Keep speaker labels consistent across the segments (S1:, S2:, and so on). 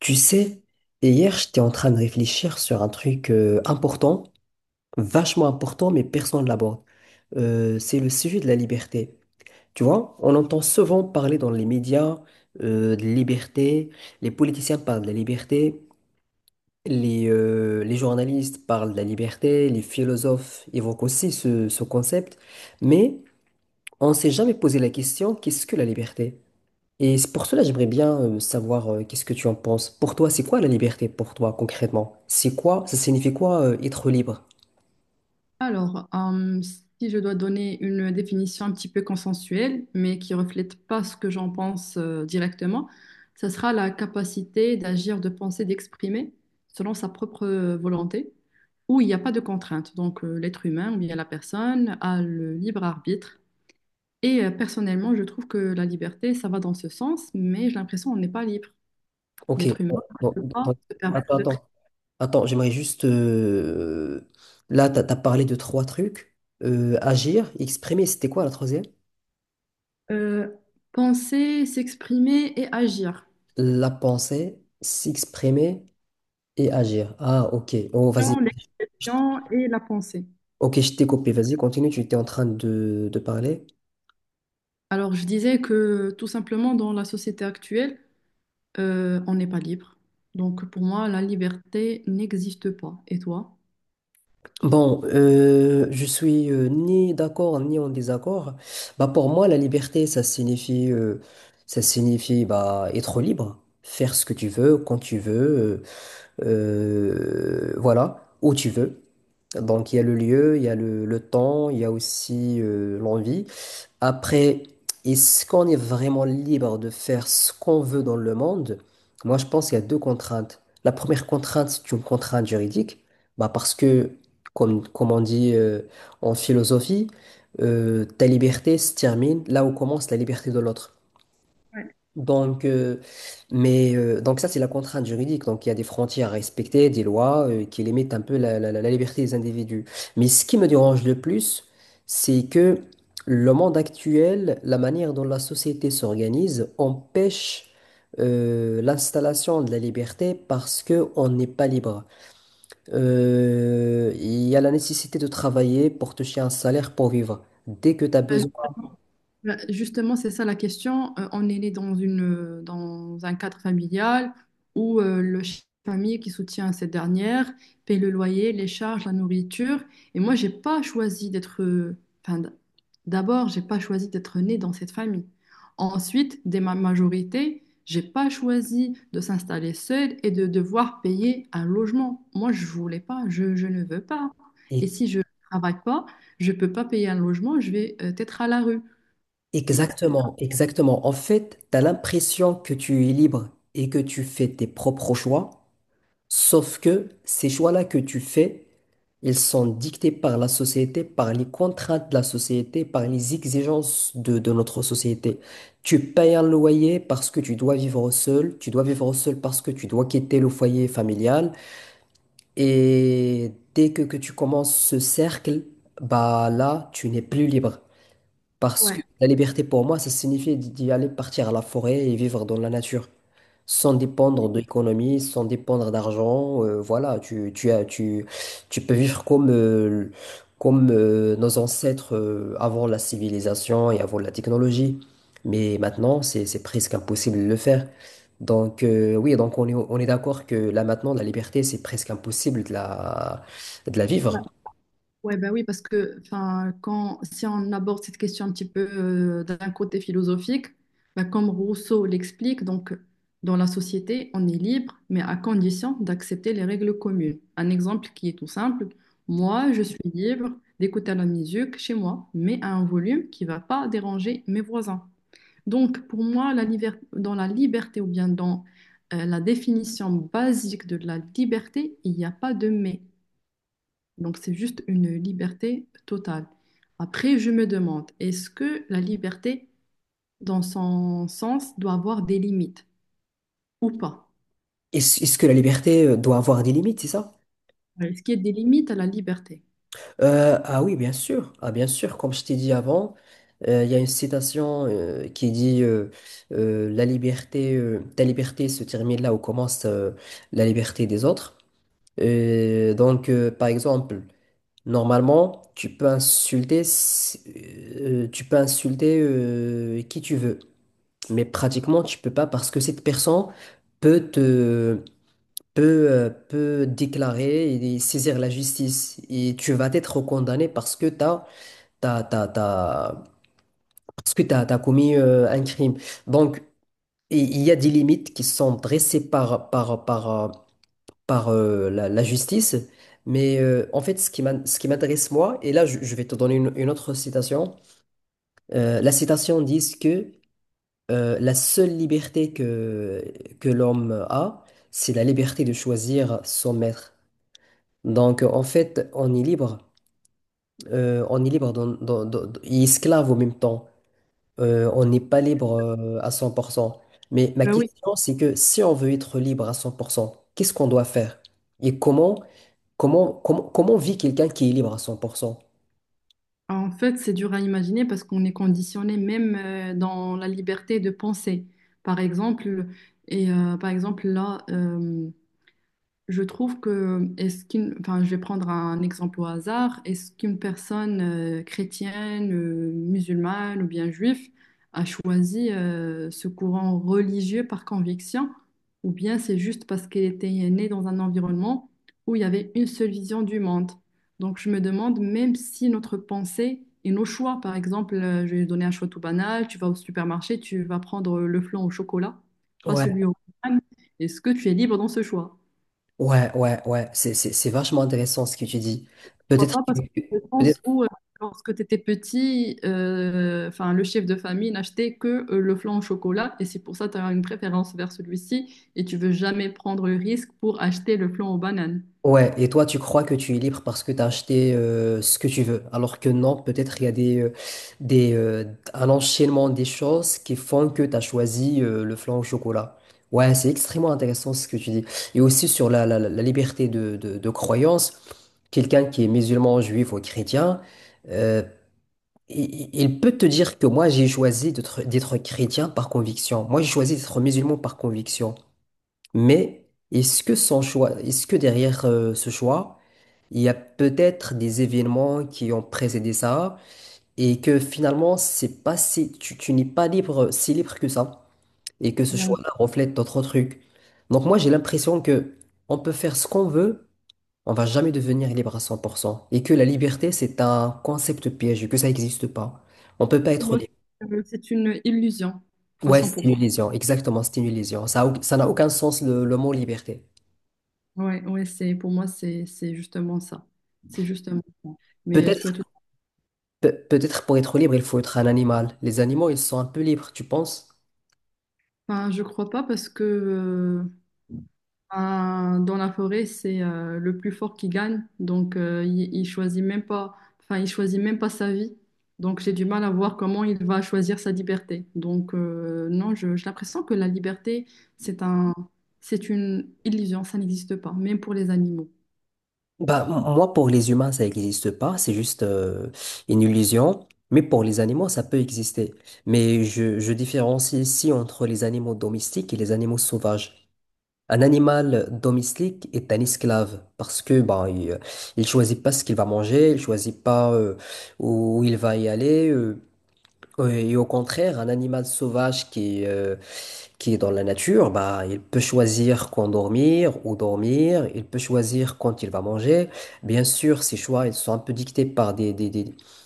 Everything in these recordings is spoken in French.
S1: Tu sais, hier, j'étais en train de réfléchir sur un truc important, vachement important, mais personne ne l'aborde. C'est le sujet de la liberté. Tu vois, on entend souvent parler dans les médias de liberté, les politiciens parlent de la liberté, les journalistes parlent de la liberté, les philosophes évoquent aussi ce concept, mais on ne s'est jamais posé la question, qu'est-ce que la liberté? Et c'est pour cela, j'aimerais bien savoir qu'est-ce que tu en penses. Pour toi, c'est quoi la liberté pour toi concrètement? C'est quoi, ça signifie quoi être libre?
S2: Si je dois donner une définition un petit peu consensuelle, mais qui reflète pas ce que j'en pense directement, ça sera la capacité d'agir, de penser, d'exprimer selon sa propre volonté, où il n'y a pas de contrainte. Donc, l'être humain ou bien la personne a le libre arbitre. Et personnellement, je trouve que la liberté, ça va dans ce sens, mais j'ai l'impression qu'on n'est pas libre.
S1: Ok,
S2: L'être humain
S1: bon,
S2: ne peut
S1: bon,
S2: pas
S1: donc,
S2: se permettre
S1: attends,
S2: de
S1: attends, attends, j'aimerais juste. Là, tu as parlé de trois trucs. Agir, exprimer, c'était quoi la troisième?
S2: euh, penser, s'exprimer et agir.
S1: La pensée, s'exprimer et agir. Ah, ok, oh, vas-y.
S2: L'expression et la pensée.
S1: Ok, je t'ai copié, vas-y, continue, tu étais en train de parler.
S2: Alors, je disais que tout simplement, dans la société actuelle, on n'est pas libre. Donc, pour moi, la liberté n'existe pas. Et toi?
S1: Bon, je suis ni d'accord ni en désaccord. Bah pour moi, la liberté, ça signifie bah être libre, faire ce que tu veux, quand tu veux, voilà, où tu veux. Donc il y a le lieu, il y a le temps, il y a aussi l'envie. Après, est-ce qu'on est vraiment libre de faire ce qu'on veut dans le monde? Moi, je pense qu'il y a deux contraintes. La première contrainte, c'est une contrainte juridique, bah parce que, comme on dit en philosophie, ta liberté se termine là où commence la liberté de l'autre.
S2: Ouais.
S1: Donc, mais, donc ça, c'est la contrainte juridique. Donc, il y a des frontières à respecter, des lois qui limitent un peu la liberté des individus. Mais ce qui me dérange le plus, c'est que le monde actuel, la manière dont la société s'organise, empêche l'installation de la liberté parce que on n'est pas libre. Il y a la nécessité de travailler pour toucher un salaire pour vivre. Dès que tu as
S2: Ben,
S1: besoin...
S2: Bah, justement, c'est ça la question. On est né dans dans un cadre familial où le chef de famille qui soutient cette dernière paye le loyer, les charges, la nourriture. Et moi, j'ai pas choisi Enfin, d- d'abord, j'ai pas choisi d'être né dans cette famille. Ensuite, dès ma majorité, j'ai pas choisi de s'installer seule et de devoir payer un logement. Moi, je voulais pas. Je ne veux pas. Et si je travaille pas, je peux pas payer un logement. Je vais être à la rue.
S1: Exactement, exactement. En fait, tu as l'impression que tu es libre et que tu fais tes propres choix, sauf que ces choix-là que tu fais, ils sont dictés par la société, par les contraintes de la société, par les exigences de notre société. Tu payes un loyer parce que tu dois vivre seul, tu dois vivre seul parce que tu dois quitter le foyer familial, et dès que tu commences ce cercle, bah là, tu n'es plus libre. Parce que
S2: Ouais.
S1: la liberté pour moi, ça signifie d'y aller partir à la forêt et vivre dans la nature, sans dépendre de l'économie, sans dépendre d'argent. Voilà, tu, tu peux vivre comme nos ancêtres avant la civilisation et avant la technologie. Mais maintenant, c'est presque impossible de le faire. Donc, oui, donc on est d'accord que là maintenant, la liberté, c'est presque impossible de de la
S2: Ouais,
S1: vivre.
S2: ouais, bah oui, parce que enfin, si on aborde cette question un petit peu d'un côté philosophique, bah, comme Rousseau l'explique, donc dans la société, on est libre, mais à condition d'accepter les règles communes. Un exemple qui est tout simple, moi, je suis libre d'écouter la musique chez moi, mais à un volume qui ne va pas déranger mes voisins. Donc, pour moi, dans la liberté ou bien dans la définition basique de la liberté, il n'y a pas de mais. Donc, c'est juste une liberté totale. Après, je me demande, est-ce que la liberté, dans son sens, doit avoir des limites ou pas?
S1: Est-ce que la liberté doit avoir des limites, c'est ça?
S2: Oui. Est-ce qu'il y a des limites à la liberté?
S1: Ah oui, bien sûr. Ah, bien sûr, comme je t'ai dit avant, il y a une citation qui dit la liberté, ta liberté se termine là où commence la liberté des autres. Donc, par exemple, normalement, tu peux insulter, tu peux insulter qui tu veux, mais pratiquement, tu peux pas parce que cette personne peut te peut, peut déclarer et saisir la justice et tu vas être condamné parce que tu as T'as, t'as- t'as- parce que tu as commis un crime. Donc, il y a des limites qui sont dressées par, par, la, la justice. Mais en fait, ce qui m'intéresse, moi, et là, je vais te donner une autre citation. La citation dit que la seule liberté que l'homme a, c'est la liberté de choisir son maître. Donc, en fait, on est libre. On est libre, et esclave en même temps. On n'est pas libre à 100%. Mais ma
S2: Ben oui.
S1: question, c'est que si on veut être libre à 100%, qu'est-ce qu'on doit faire? Et comment vit quelqu'un qui est libre à 100%?
S2: En fait, c'est dur à imaginer parce qu'on est conditionné même dans la liberté de penser. Par exemple, par exemple, je trouve que, je vais prendre un exemple au hasard, est-ce qu'une personne chrétienne, musulmane ou bien juif a choisi ce courant religieux par conviction, ou bien c'est juste parce qu'elle était née dans un environnement où il y avait une seule vision du monde? Donc je me demande, même si notre pensée et nos choix, par exemple, je vais donner un choix tout banal, tu vas au supermarché, tu vas prendre le flan au chocolat, pas
S1: Ouais,
S2: celui au pain, est-ce que tu es libre dans ce choix?
S1: ouais, ouais, ouais. C'est vachement intéressant ce que tu dis.
S2: Pourquoi
S1: Peut-être
S2: pas,
S1: que,
S2: parce que je pense
S1: peut-être.
S2: lorsque tu étais petit, le chef de famille n'achetait que le flan au chocolat, et c'est pour ça que tu as une préférence vers celui-ci, et tu veux jamais prendre le risque pour acheter le flan aux bananes.
S1: Ouais, et toi, tu crois que tu es libre parce que tu as acheté ce que tu veux, alors que non, peut-être il y a des, euh, un enchaînement des choses qui font que tu as choisi le flan au chocolat. Ouais, c'est extrêmement intéressant ce que tu dis. Et aussi sur la liberté de croyance, quelqu'un qui est musulman, juif ou chrétien, euh, il peut te dire que moi, j'ai choisi d'être chrétien par conviction. Moi, j'ai choisi d'être musulman par conviction. Mais est-ce que son choix, est-ce que derrière ce choix, il y a peut-être des événements qui ont précédé ça et que finalement, c'est pas si, tu n'es pas libre, si libre que ça et que ce
S2: Bien.
S1: choix-là reflète d'autres trucs. Donc moi, j'ai l'impression que on peut faire ce qu'on veut, on va jamais devenir libre à 100% et que la liberté, c'est un concept piège, que ça n'existe pas. On peut pas
S2: Pour
S1: être
S2: moi,
S1: libre.
S2: c'est une illusion à
S1: Ouais,
S2: cent
S1: c'est
S2: pour
S1: une
S2: cent.
S1: illusion, exactement, c'est une illusion. Ça n'a aucun sens le mot liberté.
S2: Ouais, ouais, pour moi, c'est justement ça. C'est justement ça. Mais tu as
S1: Peut-être
S2: tout…
S1: Peut-être pour être libre, il faut être un animal. Les animaux, ils sont un peu libres, tu penses?
S2: Enfin, je crois pas parce que… dans la forêt, c'est le plus fort qui gagne. Donc, il choisit même pas, enfin, il choisit même pas sa vie. Donc, j'ai du mal à voir comment il va choisir sa liberté. Donc, non, je- j'ai l'impression que la liberté, c'est un, c'est une illusion. Ça n'existe pas, même pour les animaux.
S1: Bah, moi, pour les humains, ça n'existe pas, c'est juste une illusion. Mais pour les animaux, ça peut exister. Mais je différencie ici entre les animaux domestiques et les animaux sauvages. Un animal domestique est un esclave parce que ben il choisit pas ce qu'il va manger, il choisit pas où il va y aller. Et au contraire, un animal sauvage qui est dans la nature, bah, il peut choisir quand dormir ou dormir, il peut choisir quand il va manger. Bien sûr, ces choix, ils sont un peu dictés par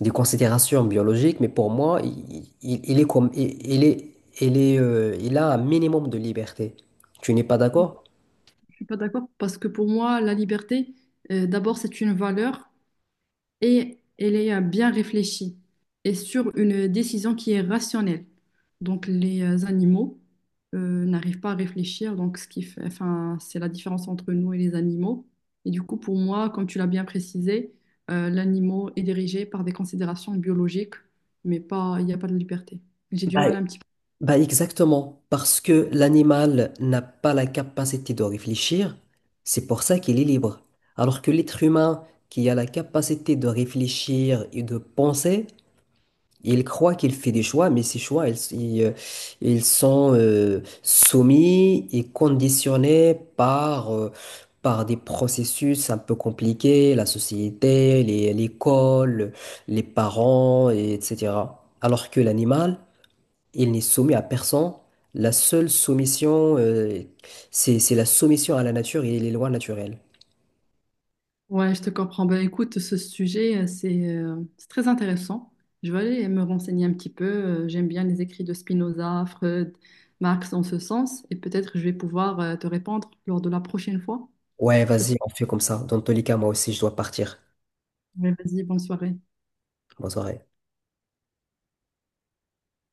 S1: des considérations biologiques, mais pour moi, il est il est, il a un minimum de liberté. Tu n'es pas d'accord?
S2: Je suis pas d'accord parce que pour moi, la liberté, d'abord, c'est une valeur. Et elle est bien réfléchie et sur une décision qui est rationnelle. Donc les animaux n'arrivent pas à réfléchir, donc ce qui fait, enfin, c'est la différence entre nous et les animaux. Et du coup, pour moi, comme tu l'as bien précisé, l'animal est dirigé par des considérations biologiques, mais pas, il n'y a pas de liberté. J'ai du
S1: Bah,
S2: mal un petit peu.
S1: bah exactement, parce que l'animal n'a pas la capacité de réfléchir, c'est pour ça qu'il est libre. Alors que l'être humain qui a la capacité de réfléchir et de penser, il croit qu'il fait des choix, mais ces choix, ils sont soumis et conditionnés par des processus un peu compliqués, la société, l'école, les parents, et etc. Alors que l'animal, il n'est soumis à personne. La seule soumission, c'est la soumission à la nature et les lois naturelles.
S2: Ouais, je te comprends. Ben, écoute, ce sujet, c'est très intéressant. Je vais aller me renseigner un petit peu. J'aime bien les écrits de Spinoza, Freud, Marx en ce sens, et peut-être je vais pouvoir te répondre lors de la prochaine fois.
S1: Ouais,
S2: Parce que…
S1: vas-y, on fait comme ça. Dans tous les cas, moi aussi, je dois partir.
S2: Ouais, vas-y, bonne soirée.
S1: Bonne soirée.